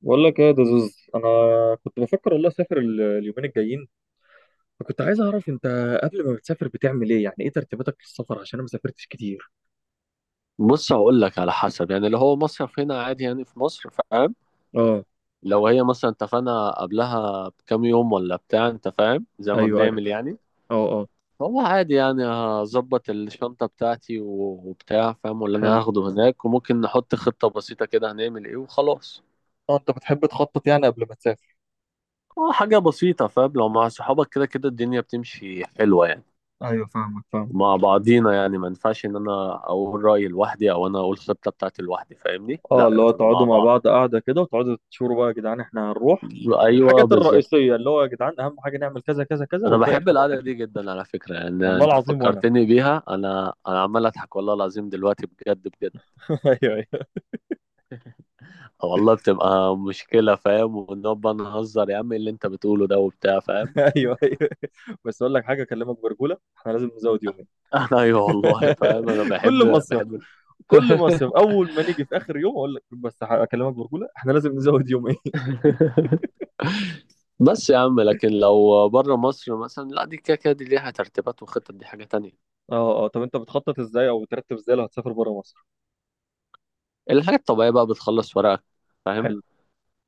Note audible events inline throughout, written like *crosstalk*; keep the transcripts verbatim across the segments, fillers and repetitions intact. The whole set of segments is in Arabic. بقول لك ايه يا دزوز، انا كنت بفكر والله اسافر ال- اليومين الجايين. فكنت عايز اعرف انت قبل ما بتسافر بتعمل ايه، يعني ايه ترتيباتك للسفر، عشان انا ما سافرتش كتير. بص، هقول لك على حسب. يعني اللي هو مصيف هنا عادي، يعني في مصر، فاهم؟ اه. لو هي مثلا اتفقنا قبلها بكام يوم ولا بتاع، انت فاهم، زي ما ايوه، ايوه. بنعمل يعني. اه، اه. هو عادي، يعني هظبط الشنطة بتاعتي و- وبتاع، فاهم، واللي انا حلو. هاخده هناك، وممكن نحط خطة بسيطة كده هنعمل ايه وخلاص. اه، انت بتحب تخطط يعني قبل ما تسافر؟ اه حاجة بسيطة فاهم. لو مع صحابك كده كده الدنيا بتمشي حلوة يعني. ايوه، فاهمك، فاهم. مع بعضينا يعني، ما ينفعش ان انا اقول رأيي لوحدي او انا اقول خطة بتاعتي لوحدي، فاهمني؟ اه، لا، اللي هو بتبقى مع تقعدوا مع بعض. بعض قاعده كده وتقعدوا تشوروا بقى، يا جدعان احنا هنروح ايوه الحاجات بالظبط. الرئيسيه، اللي هو يا جدعان اهم حاجه نعمل كذا كذا كذا، انا والباقي بحب احنا القعده براحتنا. دي جدا على فكره، يعني والله انت العظيم، وانا فكرتني بيها، انا انا عمال اضحك والله العظيم دلوقتي، بجد بجد. *laughs* ايوه، ايوه، والله بتبقى مشكله فاهم، ونقعد بقى نهزر، يا عم إيه اللي انت بتقوله ده وبتاع فاهم. ايوه، *laughs* ايوه. بس اقول لك حاجه اكلمك برجوله، احنا لازم نزود يومين. انا ايوه والله فاهم، انا *laughs* كل بحب مصيف بحب. كل *laughs* مصيف اول ما نيجي في اخر يوم اقول لك بس ح- اكلمك برجوله، احنا لازم نزود يومين. *laughs* بس يا عم، لكن لو بره مصر مثلا لا، دي كده كده دي ليها ترتيبات وخطط، دي حاجه تانية. اه، اه. طب انت بتخطط ازاي او بترتب ازاي لو هتسافر بره مصر؟ الحاجه الطبيعيه بقى بتخلص ورقك، فاهم. حلو.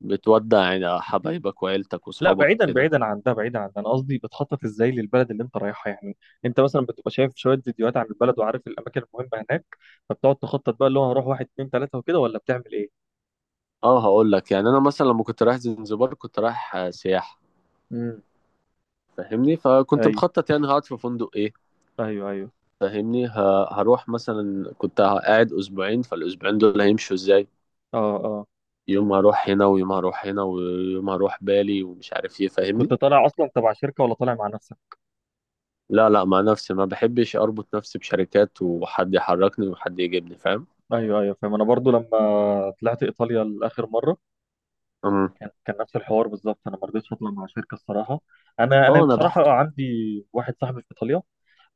بتودع يعني حبايبك وعيلتك لا، وصحابك بعيدا كده. بعيدا عن ده، بعيدا عن ده، انا قصدي بتخطط ازاي للبلد اللي انت رايحها يعني. انت مثلا بتبقى شايف شويه فيديوهات عن البلد وعارف الاماكن المهمه هناك، فبتقعد تخطط بقى اللي هو هروح واحد، اتنين، تلاته وكده، ولا بتعمل ايه؟ اه هقول لك، يعني انا مثلا لما كنت رايح زنزبار كنت رايح آه، سياحه، امم. فاهمني؟ فكنت ايوه، مخطط يعني هقعد في فندق ايه، ايوه، ايوه. فاهمني؟ ه- هروح مثلا، كنت قاعد اسبوعين، فالاسبوعين دول هيمشوا ازاي. اه، اه. يوم هروح هنا، ويوم هروح هنا، ويوم هروح بالي، ومش عارف ايه، فاهمني؟ كنت طالع اصلا تبع شركه، ولا طالع مع نفسك؟ لا لا، مع نفسي، ما بحبش اربط نفسي بشركات وحد يحركني وحد يجيبني فاهم. ايوه، ايوه، فاهم. انا برضو لما طلعت ايطاليا لاخر مره أمم. كان كان نفس الحوار بالظبط، انا ما رضيتش اطلع مع شركه الصراحه. انا انا اه، انا بصراحه بح عندي واحد صاحبي في ايطاليا.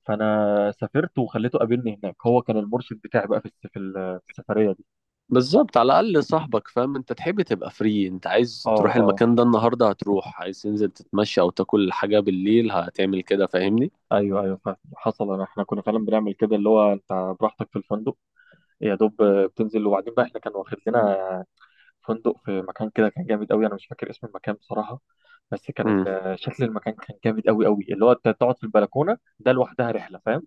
فانا سافرت وخليته قابلني هناك، هو كان المرشد بتاعي بقى في الس- في ال- في السفريه دي. بالظبط، على الاقل صاحبك فاهم انت تحب تبقى فري. انت عايز اه، تروح اه. المكان ده النهارده هتروح، عايز تنزل تتمشى او تاكل حاجه بالليل هتعمل كده، فاهمني؟ ايوه، ايوه، فاهم، حصل. انا احنا كنا فعلا بنعمل كده، اللي هو انت براحتك في الفندق، يا دوب بتنزل. وبعدين بقى احنا كان واخد لنا فندق في مكان كده كان جامد قوي، انا مش فاكر اسم المكان بصراحه. بس كان امم، ال- شكل المكان كان جامد قوي قوي، اللي هو انت تقعد في البلكونه ده لوحدها رحله فاهم.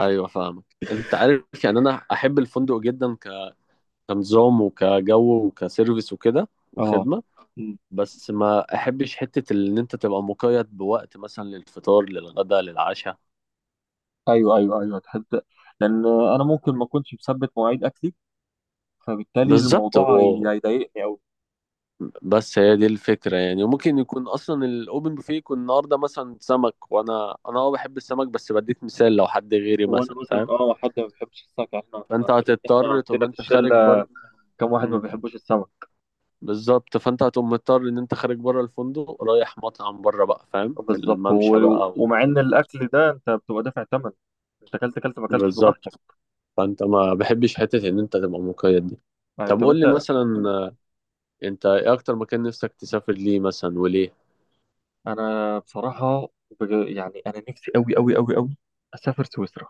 ايوه فاهمك. انت عارف يعني انا احب الفندق جدا، ك- كنظام وكجو وكسيرفيس وكده اه. وخدمه. بس ما احبش حته ان انت تبقى مقيد بوقت مثلا للفطار للغدا للعشاء. ايوه، ايوه، ايوه، تحس. لان انا ممكن ما اكونش مثبت مواعيد اكلي، فبالتالي بالظبط. الموضوع هي- هيضايقني قوي. بس هي دي الفكرة يعني، وممكن يكون أصلا الأوبن بوفيه يكون النهاردة مثلا سمك، وأنا أنا أه بحب السمك، بس بديك مثال لو حد غيري وانا مثلا مثلا، فاهم. اه حد ما بيحبش السمك يعني، احنا فأنت احنا هتضطر تقوم عندنا في أنت خارج الشله بره. كم واحد ما مم. بيحبوش السمك. بالظبط، فأنت هتقوم مضطر إن أنت خارج بره الفندق رايح مطعم بره بقى، فاهم، في بالظبط. الممشى و- بقى و... ومع ان الاكل ده انت بتبقى دافع ثمن، انت اكلت اكلت ما اكلتش براحتك. بالظبط. فأنت ما بحبش حتة إن أنت تبقى مقيد دي. آه، طب طب قول لي انت. مثلا، آه، أنت إيه أكتر مكان نفسك تسافر ليه مثلا وليه؟ انا بصراحه بج- يعني انا نفسي قوي قوي قوي قوي اسافر سويسرا،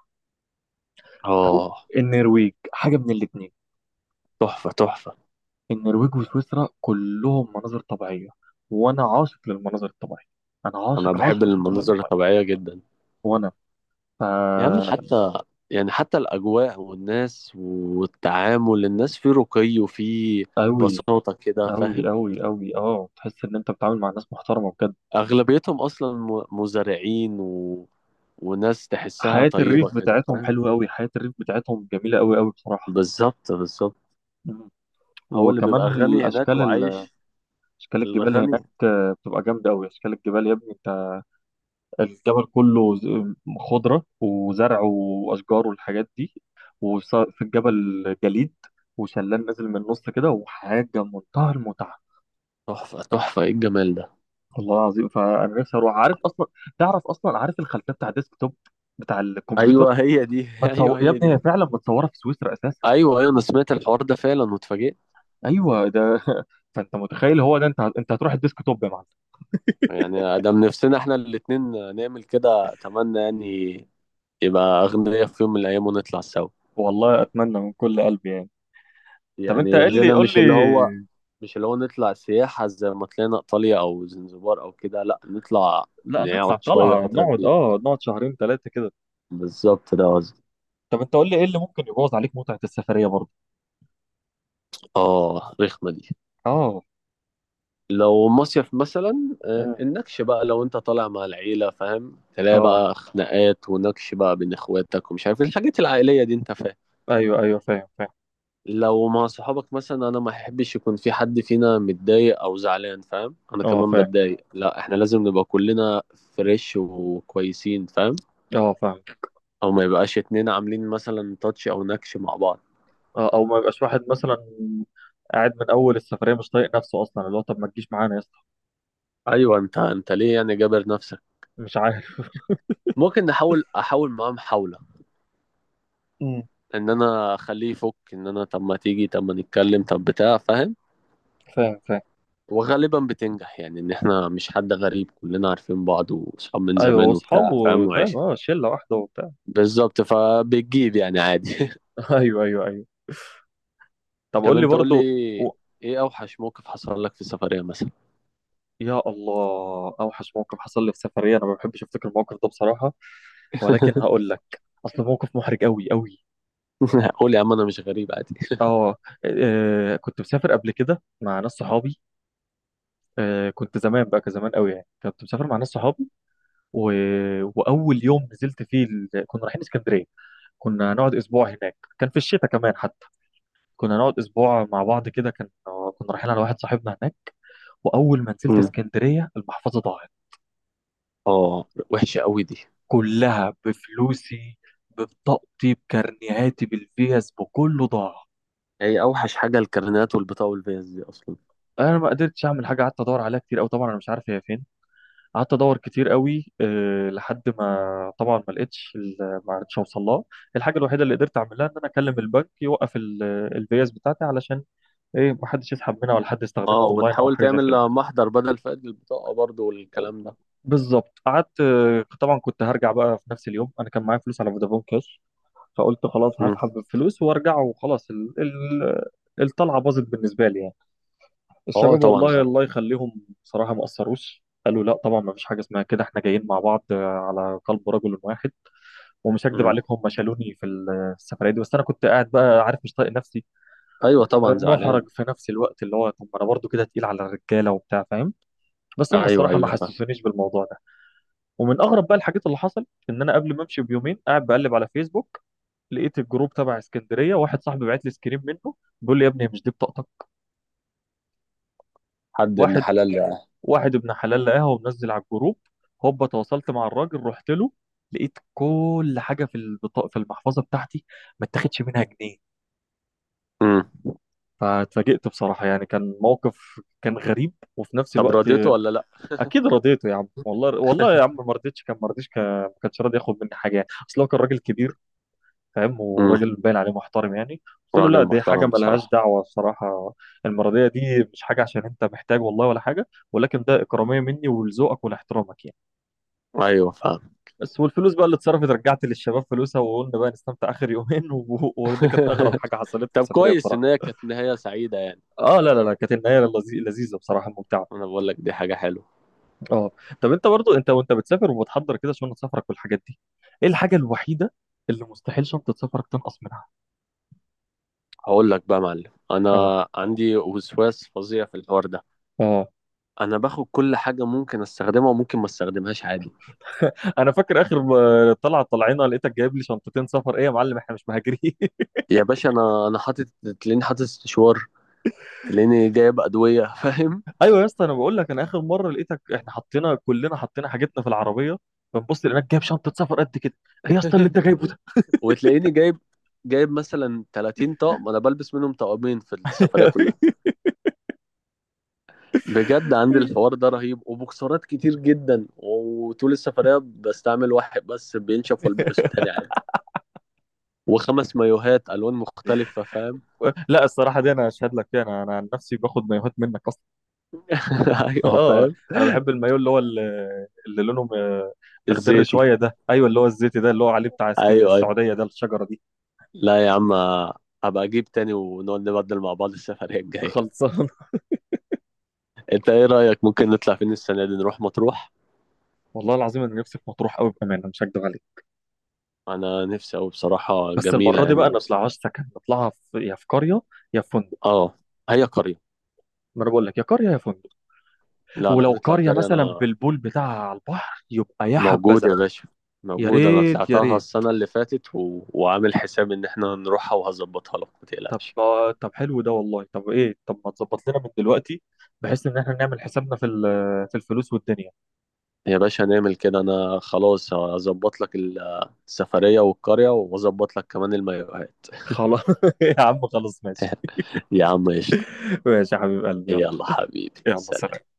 او آه، النرويج، حاجه من الاثنين. تحفة تحفة. النرويج وسويسرا كلهم مناظر طبيعية، وأنا عاشق للمناظر الطبيعية. أنا أنا عاشق بحب عاشق للمناظر المناظر الطبيعية. الطبيعية جدا. وأنا فا يا عم حتى، يعني حتى الأجواء والناس والتعامل، الناس في رقي وفي أوي بساطة كده فاهم. أوي أوي أوي، أه تحس إن أنت بتتعامل مع ناس محترمة بجد. أغلبيتهم أصلا م- مزارعين و... وناس تحسها حياة الريف طيبة كده بتاعتهم فاهم. حلوة أوي، حياة الريف بتاعتهم جميلة أوي أوي بصراحة. بالظبط بالظبط. مم. هو اللي وكمان بيبقى غني هناك الأشكال ال- وعايش، أشكال الجبال الغني. هناك آه، بتبقى جامدة أوي. أشكال الجبال يا ابني أنت، الجبل كله ز- خضرة وزرع وأشجار والحاجات دي. وفي الجبل جليد، وشلال نازل من النص كده، وحاجة منتهى المتعة. تحفة تحفة، إيه الجمال ده. والله العظيم، فأنا نفسي أروح. عارف أصلا، تعرف أصلا، عارف الخلفية بتاع الديسك توب بتاع أيوه الكمبيوتر؟ هي دي. *laughs* متصو... أيوه يا هي ابني دي. هي فعلا متصورة في سويسرا أساسا. أيوه أيوه، أنا سمعت الحوار ده فعلا واتفاجئت. أيوه ده. *laughs* فأنت متخيل هو ده، أنت أنت هتروح الديسك توب يا معلم. يعني ده من نفسنا إحنا الاتنين نعمل كده أتمنى، يعني يبقى أغنياء في يوم من الأيام ونطلع سوا. والله أتمنى من كل قلبي يعني. طب أنت يعني قل لي، غنى، قول مش لي. اللي هو، مش اللي هو نطلع سياحة زي ما طلعنا إيطاليا أو زنزبار أو كده، لأ نطلع لا نقعد نطلع شوية طلعة، فترة نقعد كبيرة. أه نقعد شهرين ثلاثة كده. بالظبط ده قصدي. طب انت قول لي، ايه اللي ممكن يبوظ عليك متعة السفرية برضه؟ آه، رخمة دي. اه. لو مصيف مثلا آه، مم. النكش بقى، لو أنت طالع مع العيلة فاهم، تلاقي اه. بقى خناقات ونكش بقى بين إخواتك، ومش عارف إيه، الحاجات العائلية دي أنت فاهم. ايوه، ايوه، فاهم، فاهم. لو مع صحابك مثلا، انا ما احبش يكون في حد فينا متضايق او زعلان فاهم، انا اه، كمان فاهم. بتضايق، لا احنا لازم نبقى كلنا فريش وكويسين فاهم. اه، فاهم. او ما يبقاش اتنين عاملين مثلا تاتش او نكش مع بعض. اه، او ما يبقاش واحد مثلا قاعد من اول السفرية مش طايق نفسه اصلا، اللي هو طب ما تجيش معانا يا اسطى. ايوه، انت انت ليه يعني جابر نفسك. مش عارف. ممكن نحاول، احاول معاه محاولة مم. ان انا اخليه يفك، ان انا طب ما تيجي، طب ما نتكلم، طب بتاع فاهم. فاهم، فاهم. وغالبا بتنجح يعني، ان احنا مش حد غريب، كلنا عارفين بعض واصحاب من ايوه، زمان وبتاع فاهم واصحابه فاهم، وعايش. اه، شلة واحدة وبتاع. بالظبط. فبتجيب يعني عادي. *laughs* *laughs* ايوه، ايوه، ايوه. طب طب قول لي انت قول لي، برضه. و... ايه اوحش موقف حصل لك في السفرية مثلا. يا الله، اوحش موقف حصل لي في سفرية، انا ما بحبش افتكر الموقف ده بصراحة. ولكن *laughs* هقول لك، اصل موقف محرج قوي قوي. قول يا عم، انا مش غريب عادي. اه. آه، كنت مسافر قبل كده مع ناس صحابي. آه، كنت زمان بقى، كزمان قوي يعني كنت مسافر مع ناس صحابي، و... واول يوم نزلت فيه ال... كنا رايحين اسكندريه. كنا هنقعد اسبوع هناك، كان في الشتاء كمان حتى. كنا نقعد اسبوع مع بعض كده، كان كنا رايحين على واحد صاحبنا هناك. واول ما نزلت مم. اسكندريه، المحفظه ضاعت، اه، وحشة قوي دي. كلها بفلوسي، ببطاقتي، بكارنيهاتي، بالفيز، بكله ضاع. هي اوحش حاجة الكارنات والبطاقة والفيز دي اصلا. انا ما قدرتش اعمل حاجه، قعدت ادور عليها كتير قوي، طبعا انا مش عارف هي فين. قعدت ادور كتير قوي، آه، لحد ما، طبعا، ما لقيتش ال- ما عرفتش اوصل لها. الحاجه الوحيده اللي قدرت اعملها ان انا اكلم البنك يوقف الفيز بتاعتي، علشان ايه، ما حدش يسحب منها ولا حد اه، يستخدمها اونلاين او وتحاول حاجه زي كده. تعمل محضر بدل فقد البطاقة برضو والكلام ده. بالظبط، قعدت آه، طبعا كنت هرجع بقى في نفس اليوم، انا كان معايا فلوس على فودافون كاش. فقلت خلاص مم. هسحب الفلوس وارجع وخلاص، ال... ال... الطلعه باظت بالنسبه لي يعني. اه الشباب، طبعا والله زعلان. الله يخليهم، بصراحه ما قصروش، قالوا لا طبعا ما فيش حاجه اسمها كده، احنا جايين مع بعض آه، على قلب رجل واحد. ومش هكدب مم. عليكم، هم شالوني في السفرية دي. بس أنا كنت قاعد بقى، عارف، مش طايق نفسي، ايوه طبعا زعلان. ومحرج في نفس الوقت، اللي هو طب ما أنا برضه كده تقيل على الرجالة وبتاع فاهم. بس هم ايوه الصراحة ما ايوه فاهم. حسسونيش بالموضوع ده. ومن أغرب بقى الحاجات اللي حصل، إن أنا قبل ما أمشي بيومين قاعد بقلب على فيسبوك، لقيت الجروب تبع اسكندرية، واحد صاحبي بعت لي سكرين منه، بيقول لي يا ابني هي مش دي بطاقتك؟ حد ابن واحد حلال يعني. واحد ابن حلال لقاها ومنزل على الجروب. هوبا تواصلت مع الراجل، رحت له، لقيت كل حاجة في البطاقة، في المحفظة بتاعتي، ما اتاخدش منها جنيه. مم. فاتفاجئت بصراحة يعني، كان موقف كان غريب وفي نفس طب الوقت. رضيته ولا لا؟ أكيد رضيته يا عم، والله والله يا عم ما رضيتش كان ما رضيتش كان- ما كانش راضي ياخد مني حاجة، يعني أصل هو كان راجل كبير فاهم، مم. وراجل باين عليه محترم يعني. قلت له راجل لا، دي حاجة محترم ملهاش بصراحة. دعوة، الصراحة المرضية دي مش حاجة عشان أنت محتاج والله ولا حاجة، ولكن ده إكرامية مني ولذوقك ولاحترامك يعني. ايوه فاهم. بس والفلوس بقى اللي اتصرفت رجعت للشباب فلوسها، وقلنا بقى نستمتع آخر يومين. *laughs* و- وده كانت أغرب *laughs* حاجة حصلت لي في طب السفرية كويس ان بصراحة. هي كانت نهاية سعيدة يعني. اه، لا، لا، لا، كانت النهاية لذي- لذيذة بصراحة، ممتعة. انا بقول لك دي حاجة حلوة. اه. طب انت برضو، انت وانت بتسافر وبتحضر كده شنطه سفرك والحاجات دي، ايه الحاجه الوحيده اللي مستحيل شنطه سفرك تنقص منها؟ هقول لك بقى يا معلم، انا اه، عندي وسواس فظيع في الحوار ده. اه. انا باخد كل حاجه ممكن استخدمها وممكن ما استخدمهاش عادي. انا فاكر اخر م- طلعه طلعنا لقيتك جايب لي شنطتين سفر، ايه يا معلم احنا مش مهاجرين؟ *laughs* يا باشا، انا انا حاطط، تلاقيني حاطط استشوار، تلاقيني جايب ادويه فاهم. ايوه يا اسطى، انا بقول لك، انا اخر مره لقيتك احنا حطينا كلنا حطينا حاجتنا في العربيه، بنبص لقيناك جايب شنطه سفر قد كده، ايه يا اسطى اللي انت *laughs* جايبه ده؟ وتلاقيني جايب، جايب مثلا ثلاثين طقم، انا بلبس منهم طقمين في السفريه كلها. بجد عندي الحوار ده رهيب، وبوكسرات كتير جدا، وطول السفريه بستعمل واحد بس بينشف والبسه تاني عادي، وخمس مايوهات الوان مختلفه فاهم. *laughs* لا، الصراحه دي انا اشهد لك فيها. انا انا عن نفسي باخد مايوهات منك. *laughs* ايوه اه، فاهم. انا بحب المايو اللي هو ال- اللي لونه م- مخضر الزيتي، شويه ده. ايوه اللي هو الزيتي ده، اللي هو عليه بتاع اسك- ايوه ايوه. السعوديه ده، الشجره دي. لا يا عم، هبقى اجيب تاني ونقعد نبدل مع بعض السفرية الجاية. خلصان. *laughs* انت ايه رأيك، ممكن نطلع فين السنة دي، نروح مطروح. والله العظيم انا نفسي في مطروح قوي بامانه، مش هكدب عليك. انا نفسي اوي بصراحة، بس جميلة المره دي يعني، بقى ما نفسي. نطلعهاش سكن، نطلعها في يا في قريه يا في فندق. اه، هي قرية. ما انا بقول لك، يا قريه يا فندق. لا لا، ولو نطلع قريه قرية مثلا انا. بالبول بتاعها على البحر، يبقى يا موجود حبذا. يا باشا، يا موجود، انا ريت، يا طلعتها ريت. السنة اللي فاتت و... وعامل حساب ان احنا نروحها، وهظبطها لك ما طب تقلقش. طب حلو ده والله. طب ايه، طب ما تظبط لنا من دلوقتي، بحيث ان احنا نعمل حسابنا في ال- في الفلوس والدنيا. يا باشا نعمل كده، انا خلاص هظبط لك السفرية والقرية، واظبط لك كمان المايوهات. خلاص. *laughs* يا عم خلاص ماشي. *laughs* يا عم قشطة. ماشي يا حبيب قلبي، يلا. يلا حبيبي يلا سلام. سلام.